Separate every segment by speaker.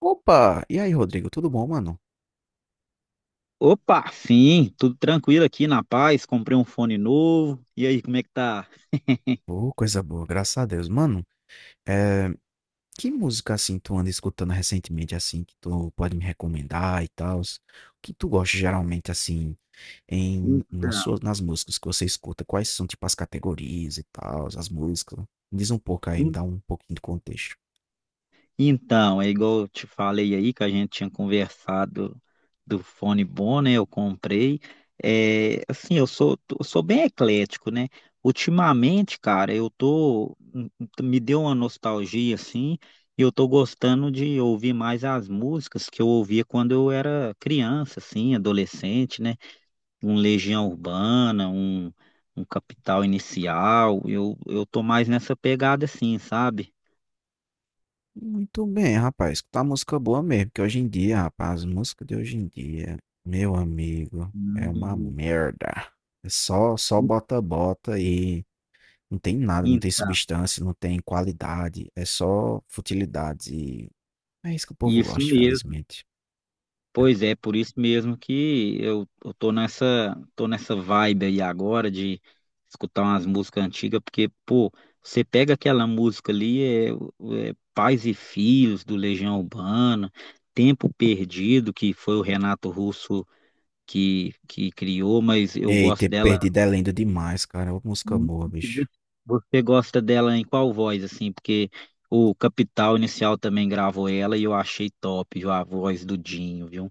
Speaker 1: Opa! E aí, Rodrigo, tudo bom, mano?
Speaker 2: Opa, sim, tudo tranquilo aqui na paz. Comprei um fone novo. E aí, como é que tá?
Speaker 1: Ô, coisa boa, graças a Deus. Mano, é, que música assim tu anda escutando recentemente, assim, que tu pode me recomendar e tal? O que tu gosta geralmente, assim,
Speaker 2: Então,
Speaker 1: nas músicas que você escuta? Quais são, tipo, as categorias e tal, as músicas? Me diz um pouco aí, me
Speaker 2: en-
Speaker 1: dá um pouquinho de contexto.
Speaker 2: então, é igual eu te falei aí que a gente tinha conversado do fone bom, né? Eu comprei. É, assim, eu sou bem eclético, né? Ultimamente, cara, me deu uma nostalgia assim, e eu tô gostando de ouvir mais as músicas que eu ouvia quando eu era criança, assim, adolescente, né? Um Legião Urbana, um Capital Inicial. Eu tô mais nessa pegada assim, sabe?
Speaker 1: Muito bem, rapaz. Escutar música boa mesmo, porque hoje em dia, rapaz, as músicas de hoje em dia, meu amigo, é uma
Speaker 2: Hum.
Speaker 1: merda. É só, só bota-bota e não tem nada, não tem
Speaker 2: Então,
Speaker 1: substância, não tem qualidade, é só futilidade. E é isso que o povo
Speaker 2: isso
Speaker 1: gosta,
Speaker 2: mesmo.
Speaker 1: infelizmente.
Speaker 2: Pois é, por isso mesmo que eu tô nessa, vibe aí agora de escutar umas músicas antigas, porque, pô, você pega aquela música ali, é Pais e Filhos, do Legião Urbana, Tempo Perdido, que foi o Renato Russo que criou, mas eu
Speaker 1: E ter
Speaker 2: gosto dela.
Speaker 1: perdido é lindo demais, cara. Ô, música
Speaker 2: Hum.
Speaker 1: boa,
Speaker 2: e
Speaker 1: bicho.
Speaker 2: vo- Você gosta dela em qual voz, assim? Porque o Capital Inicial também gravou ela e eu achei top, viu? A voz do Dinho, viu?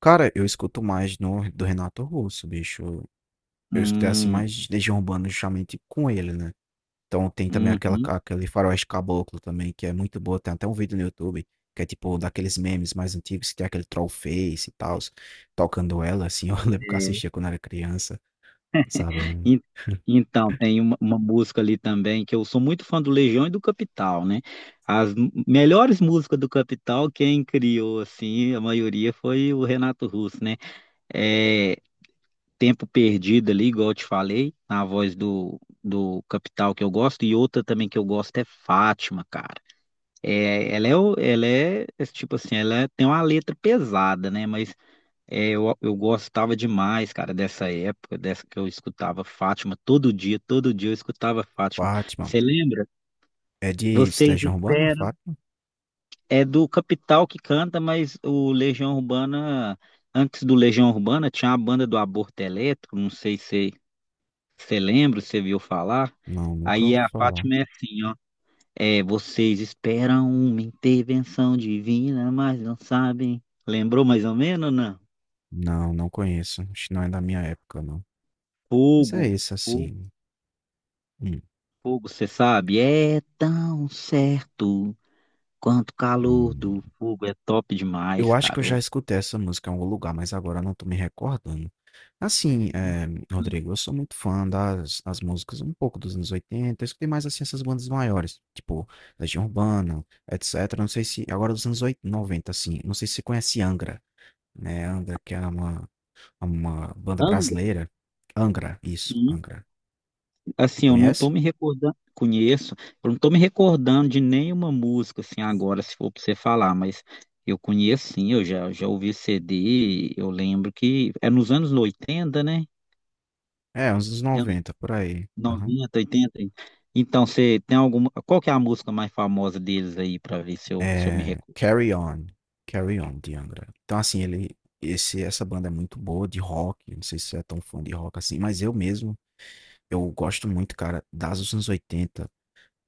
Speaker 1: Cara, eu escuto mais no, do Renato Russo, bicho. Eu escutei assim
Speaker 2: Hum.
Speaker 1: mais Legião Urbana justamente com ele, né? Então tem também
Speaker 2: Uhum.
Speaker 1: aquele Faroeste Caboclo também, que é muito boa. Tem até um vídeo no YouTube, que é tipo daqueles memes mais antigos, que tem aquele troll face e tal, tocando ela, assim. Eu lembro que eu assistia quando era criança, sabe?
Speaker 2: E- Então, tem uma, música ali também, que eu sou muito fã do Legião e do Capital, né? As melhores músicas do Capital, quem criou, assim, a maioria foi o Renato Russo, né? É, tempo perdido ali, igual eu te falei, na voz do, Capital que eu gosto, e outra também que eu gosto é Fátima, cara. É, ela é é tipo assim, tem uma letra pesada, né? Mas é, eu gostava demais, cara, dessa época, dessa que eu escutava Fátima todo dia eu escutava Fátima.
Speaker 1: Fátima.
Speaker 2: Você lembra?
Speaker 1: É de
Speaker 2: Vocês
Speaker 1: Legião Urbana,
Speaker 2: esperam.
Speaker 1: fato?
Speaker 2: É do Capital que canta, mas o Legião Urbana, antes do Legião Urbana, tinha a banda do Aborto Elétrico, não sei se você lembra. Você viu falar?
Speaker 1: Não, nunca
Speaker 2: Aí
Speaker 1: ouvi
Speaker 2: a
Speaker 1: falar.
Speaker 2: Fátima é assim, ó. É, vocês esperam uma intervenção divina, mas não sabem. Lembrou mais ou menos, não?
Speaker 1: Não, não conheço. Acho que não é da minha época, não. Mas é
Speaker 2: Fogo,
Speaker 1: isso,
Speaker 2: fogo,
Speaker 1: assim. Hum,
Speaker 2: fogo, você sabe? É tão certo quanto o calor do
Speaker 1: hum.
Speaker 2: fogo. É top
Speaker 1: Eu
Speaker 2: demais,
Speaker 1: acho que
Speaker 2: cara.
Speaker 1: eu já escutei essa música em algum lugar, mas agora eu não tô me recordando. Assim, é, Rodrigo, eu sou muito fã das músicas um pouco dos anos 80. Eu escutei mais, assim, essas bandas maiores, tipo Legião Urbana, etc. Não sei se... Agora dos anos 80, 90, assim. Não sei se você conhece Angra, né? Angra, que é uma banda
Speaker 2: André,
Speaker 1: brasileira. Angra, isso,
Speaker 2: sim.
Speaker 1: Angra.
Speaker 2: Assim, eu não tô
Speaker 1: Conhece?
Speaker 2: me recordando, conheço, eu não tô me recordando de nenhuma música, assim, agora, se for pra você falar, mas eu conheço, sim, eu já ouvi CD, eu lembro que é nos anos 80, né?
Speaker 1: É, uns dos
Speaker 2: É
Speaker 1: 90 por aí. Aham.
Speaker 2: 90, 80. Então, você tem alguma, qual que é a música mais famosa deles aí, pra ver se eu, me
Speaker 1: É,
Speaker 2: recordo?
Speaker 1: Carry On. Carry On, de Angra. Então, assim, essa banda é muito boa de rock. Não sei se você é tão fã de rock assim, mas eu mesmo, eu gosto muito, cara, das dos anos 80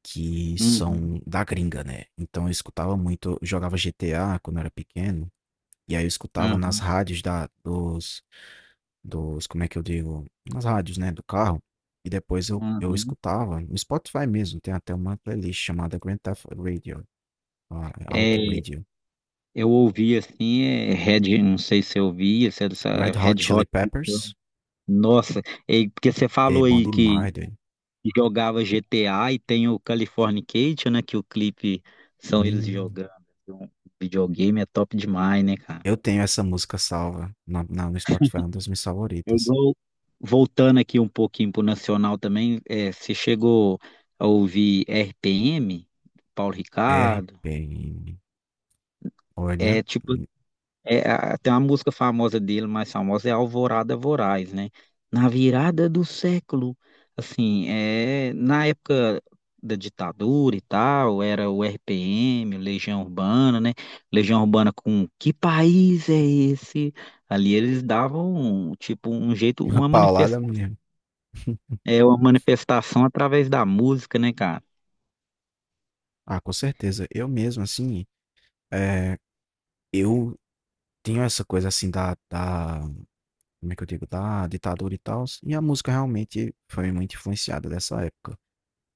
Speaker 1: que
Speaker 2: Uhum,
Speaker 1: são da gringa, né? Então, eu escutava muito, eu jogava GTA quando eu era pequeno, e aí eu escutava nas
Speaker 2: uhum,
Speaker 1: rádios como é que eu digo, nas rádios, né, do carro. E depois eu
Speaker 2: uhum.
Speaker 1: escutava no Spotify mesmo, tem até uma playlist chamada Grand Theft Radio, ah, Auto
Speaker 2: É,
Speaker 1: Radio.
Speaker 2: eu ouvi, assim, é Red, não sei se eu ouvi, se é
Speaker 1: Red Hot
Speaker 2: Red
Speaker 1: Chili
Speaker 2: Hot.
Speaker 1: Peppers,
Speaker 2: Nossa, é, porque você
Speaker 1: é
Speaker 2: falou
Speaker 1: bom
Speaker 2: aí que
Speaker 1: demais, doido.
Speaker 2: jogava GTA e tem o Californication, né? Que o clipe são eles
Speaker 1: Hum,
Speaker 2: jogando, assim. Um videogame é top demais, né, cara?
Speaker 1: eu tenho essa música salva no Spotify, é uma das minhas
Speaker 2: Eu
Speaker 1: favoritas.
Speaker 2: vou- Voltando aqui um pouquinho pro Nacional também, é, você chegou a ouvir RPM, Paulo
Speaker 1: R
Speaker 2: Ricardo?
Speaker 1: RPM. Olha,
Speaker 2: É tipo, Tem uma música famosa dele, mais famosa, é Alvorada Voraz, né? Na virada do século, assim, é, na época da ditadura e tal, era o RPM, o Legião Urbana, né? Legião Urbana com que país é esse? Ali eles davam, um, tipo, um jeito,
Speaker 1: uma
Speaker 2: uma
Speaker 1: paulada
Speaker 2: manifestação,
Speaker 1: mesmo.
Speaker 2: é uma manifestação através da música, né, cara?
Speaker 1: Ah, com certeza. Eu mesmo, assim, é, eu tenho essa coisa assim da, como é que eu digo, da ditadura e tal. E a música realmente foi muito influenciada dessa época.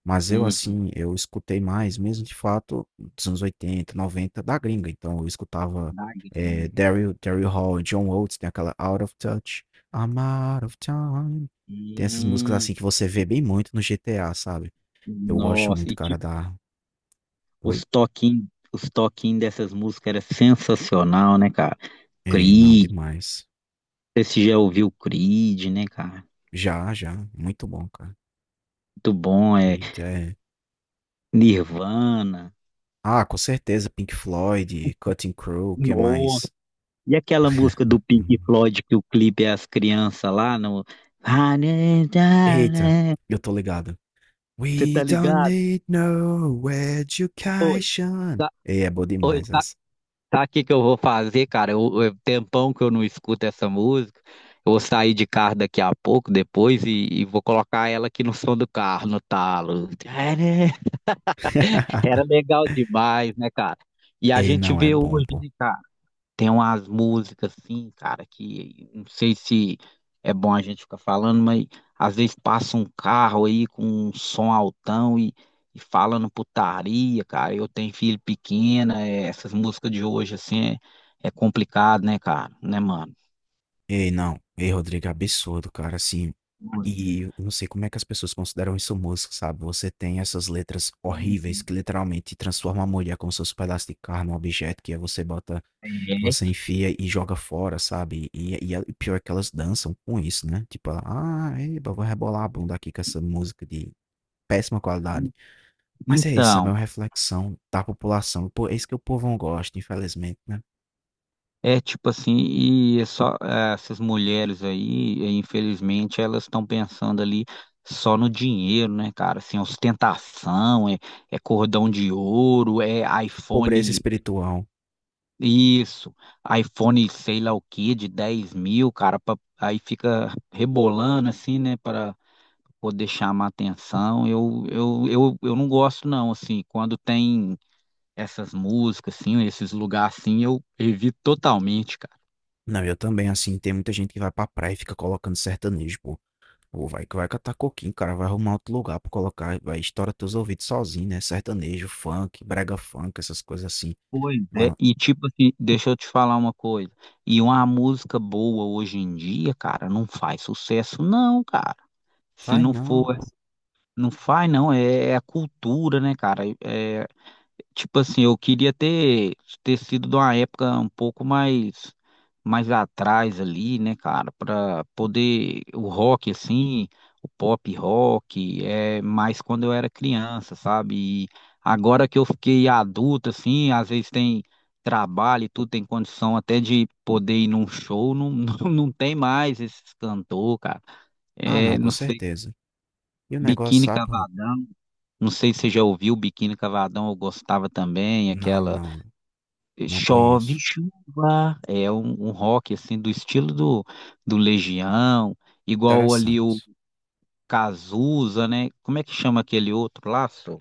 Speaker 1: Mas eu,
Speaker 2: Uhum.
Speaker 1: assim, eu escutei mais, mesmo de fato, dos anos 80 90 da gringa. Então eu escutava
Speaker 2: Da gringa.
Speaker 1: Daryl Hall, John Oates, tem aquela Out of Touch, I'm Out of Time. Tem essas músicas
Speaker 2: Hum.
Speaker 1: assim que você vê bem muito no GTA, sabe? Eu gosto
Speaker 2: Nossa.
Speaker 1: muito, cara, da. Oi?
Speaker 2: Os toquinhos dessas músicas era sensacional, né, cara?
Speaker 1: Ei, não,
Speaker 2: Creed,
Speaker 1: demais.
Speaker 2: você já ouviu Creed, né, cara?
Speaker 1: Já, já. Muito bom, cara.
Speaker 2: Muito bom, é
Speaker 1: Creed, é.
Speaker 2: Nirvana.
Speaker 1: Ah, com certeza, Pink Floyd, Cutting Crew, o que
Speaker 2: Nossa,
Speaker 1: mais?
Speaker 2: e aquela música do Pink Floyd que o clipe é as crianças lá no.
Speaker 1: Eita, eu tô ligado.
Speaker 2: Você
Speaker 1: We
Speaker 2: tá
Speaker 1: don't
Speaker 2: ligado?
Speaker 1: need no
Speaker 2: Oi,
Speaker 1: education.
Speaker 2: tá,
Speaker 1: Ei, é boa
Speaker 2: oi,
Speaker 1: demais
Speaker 2: tá.
Speaker 1: essa.
Speaker 2: Sabe o que que eu vou fazer, cara? Tempão que eu não escuto essa música. Eu vou sair de carro daqui a pouco, depois, e vou colocar ela aqui no som do carro, no talo. É, né? Era legal demais, né, cara? E a
Speaker 1: Ei,
Speaker 2: gente
Speaker 1: não, é
Speaker 2: vê
Speaker 1: bom,
Speaker 2: hoje,
Speaker 1: pô.
Speaker 2: né, cara? Tem umas músicas assim, cara, que não sei se é bom a gente ficar falando, mas às vezes passa um carro aí com um som altão e falando putaria, cara. Eu tenho filho pequeno, é, essas músicas de hoje assim é complicado, né, cara? Né, mano?
Speaker 1: Ei, não. Ei, Rodrigo, é absurdo, cara, assim. E eu não sei como é que as pessoas consideram isso música, sabe? Você tem essas letras horríveis
Speaker 2: Uhum.
Speaker 1: que literalmente transformam a mulher como se fosse um pedaço de carne, um objeto que aí você bota. Você
Speaker 2: É.
Speaker 1: enfia e joga fora, sabe? E pior é que elas dançam com isso, né? Tipo, ah, eba, vou rebolar a bunda aqui com essa música de péssima qualidade. Mas é isso, sabe? É
Speaker 2: Então,
Speaker 1: uma reflexão da população. Pô, é isso que o povo não gosta, infelizmente, né?
Speaker 2: é tipo assim, e é só essas mulheres aí, infelizmente, elas estão pensando ali só no dinheiro, né, cara? Assim, ostentação, é, cordão de ouro, é
Speaker 1: Pobreza
Speaker 2: iPhone,
Speaker 1: espiritual.
Speaker 2: isso, iPhone sei lá o que, de 10 mil, cara, aí fica rebolando assim, né, para poder chamar atenção. Eu não gosto, não, assim, quando tem essas músicas, assim, esses lugares assim, eu evito totalmente.
Speaker 1: Não, eu também, assim, tem muita gente que vai pra praia e fica colocando sertanejo, pô. Ou vai que vai catar coquinho, cara, vai arrumar outro lugar pra colocar, vai estourar teus ouvidos sozinho, né? Sertanejo, funk, brega funk, essas coisas assim.
Speaker 2: Pois é,
Speaker 1: Mano,
Speaker 2: e tipo assim, deixa eu te falar uma coisa. E uma música boa hoje em dia, cara, não faz sucesso, não, cara. Se
Speaker 1: vai
Speaker 2: não
Speaker 1: não,
Speaker 2: for,
Speaker 1: pô.
Speaker 2: não faz, não. É a cultura, né, cara? É tipo assim, eu queria ter, sido de uma época um pouco mais atrás ali, né, cara, pra poder o rock assim, o pop rock, é mais quando eu era criança, sabe? E agora que eu fiquei adulto assim, às vezes tem trabalho e tudo, tem condição até de poder ir num show, não, não, não tem mais esses cantor, cara.
Speaker 1: Ah,
Speaker 2: É,
Speaker 1: não, com
Speaker 2: não sei,
Speaker 1: certeza. E o negócio,
Speaker 2: Biquíni
Speaker 1: sabe? Ro?
Speaker 2: Cavadão, não sei se você já ouviu Biquíni Cavadão, eu gostava também,
Speaker 1: Não,
Speaker 2: aquela
Speaker 1: não, não
Speaker 2: Chove
Speaker 1: conheço.
Speaker 2: Chuva, é um rock assim do estilo do Legião, igual ali o
Speaker 1: Interessante.
Speaker 2: Cazuza, né? Como é que chama aquele outro lá, só?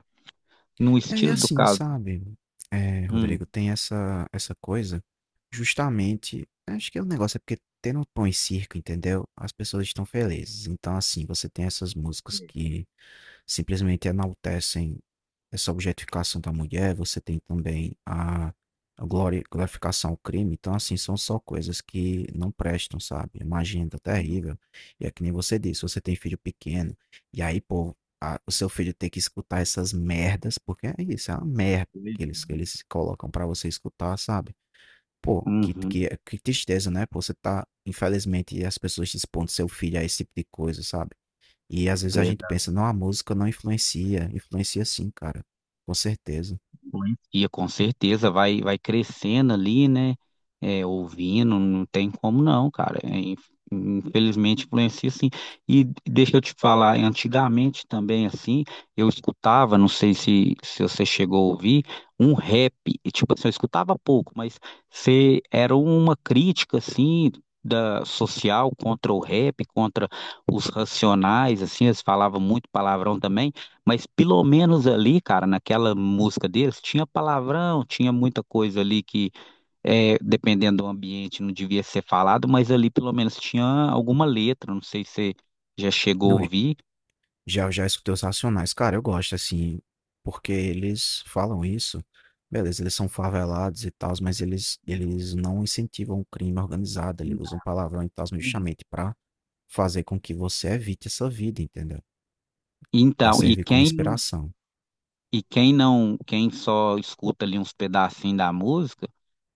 Speaker 2: No
Speaker 1: É, e
Speaker 2: estilo do
Speaker 1: assim,
Speaker 2: Cazuza.
Speaker 1: sabe, é,
Speaker 2: Hum.
Speaker 1: Rodrigo, tem essa coisa, justamente, acho que é o negócio é porque tendo um pão e circo, entendeu? As pessoas estão felizes. Então, assim, você tem essas músicas que simplesmente enaltecem essa objetificação da mulher, você tem também a glorificação ao crime. Então, assim, são só coisas que não prestam, sabe? É uma agenda terrível. E é que nem você disse, você tem filho pequeno, e aí, pô, o seu filho tem que escutar essas merdas, porque é isso, é uma merda que eles colocam pra você escutar, sabe? Pô,
Speaker 2: Uhum.
Speaker 1: que tristeza, né? Pô, você tá, infelizmente, as pessoas expondo seu filho a esse tipo de coisa, sabe? E às vezes a gente pensa, não, a música não influencia. Influencia sim, cara. Com certeza.
Speaker 2: Influencia, com certeza, vai crescendo ali, né? É, ouvindo, não tem como não, cara. É, infelizmente influencia sim. E deixa eu te falar, antigamente também, assim, eu escutava, não sei se você chegou a ouvir, um rap. E, tipo assim, eu escutava pouco, mas se era uma crítica, assim, da social contra o rap, contra os racionais, assim, eles falavam muito palavrão também. Mas pelo menos ali, cara, naquela música deles, tinha palavrão, tinha muita coisa ali que, é, dependendo do ambiente, não devia ser falado, mas ali pelo menos tinha alguma letra, não sei se você já chegou
Speaker 1: Não,
Speaker 2: a ouvir.
Speaker 1: já, já escutei os Racionais. Cara, eu gosto, assim, porque eles falam isso. Beleza, eles são favelados e tal, mas eles não incentivam o crime organizado. Eles usam palavrão e tal,
Speaker 2: Sim.
Speaker 1: justamente pra fazer com que você evite essa vida, entendeu? Pra
Speaker 2: Então, e
Speaker 1: servir como
Speaker 2: quem não,
Speaker 1: inspiração.
Speaker 2: e quem não, quem só escuta ali uns pedacinhos da música,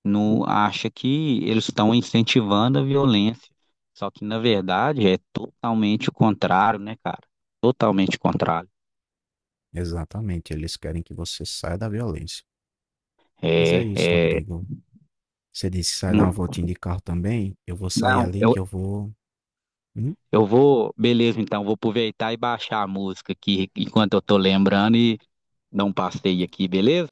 Speaker 2: não acha que eles estão incentivando a violência. Só que, na verdade, é totalmente o contrário, né, cara? Totalmente o contrário.
Speaker 1: Exatamente, eles querem que você saia da violência. Mas é
Speaker 2: É,
Speaker 1: isso,
Speaker 2: é.
Speaker 1: Rodrigo. Você disse que sai dar uma voltinha de carro também. Eu vou sair
Speaker 2: Não,
Speaker 1: ali
Speaker 2: eu,
Speaker 1: que eu vou. Uhum.
Speaker 2: eu vou, beleza, então, vou aproveitar e baixar a música aqui enquanto eu tô lembrando e dar um passeio aqui, beleza?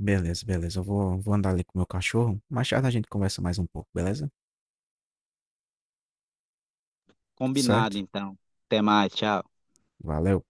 Speaker 1: Beleza, beleza. Vou andar ali com o meu cachorro. Mais tarde a gente conversa mais um pouco, beleza?
Speaker 2: Combinado,
Speaker 1: Certo?
Speaker 2: então. Até mais, tchau.
Speaker 1: Valeu.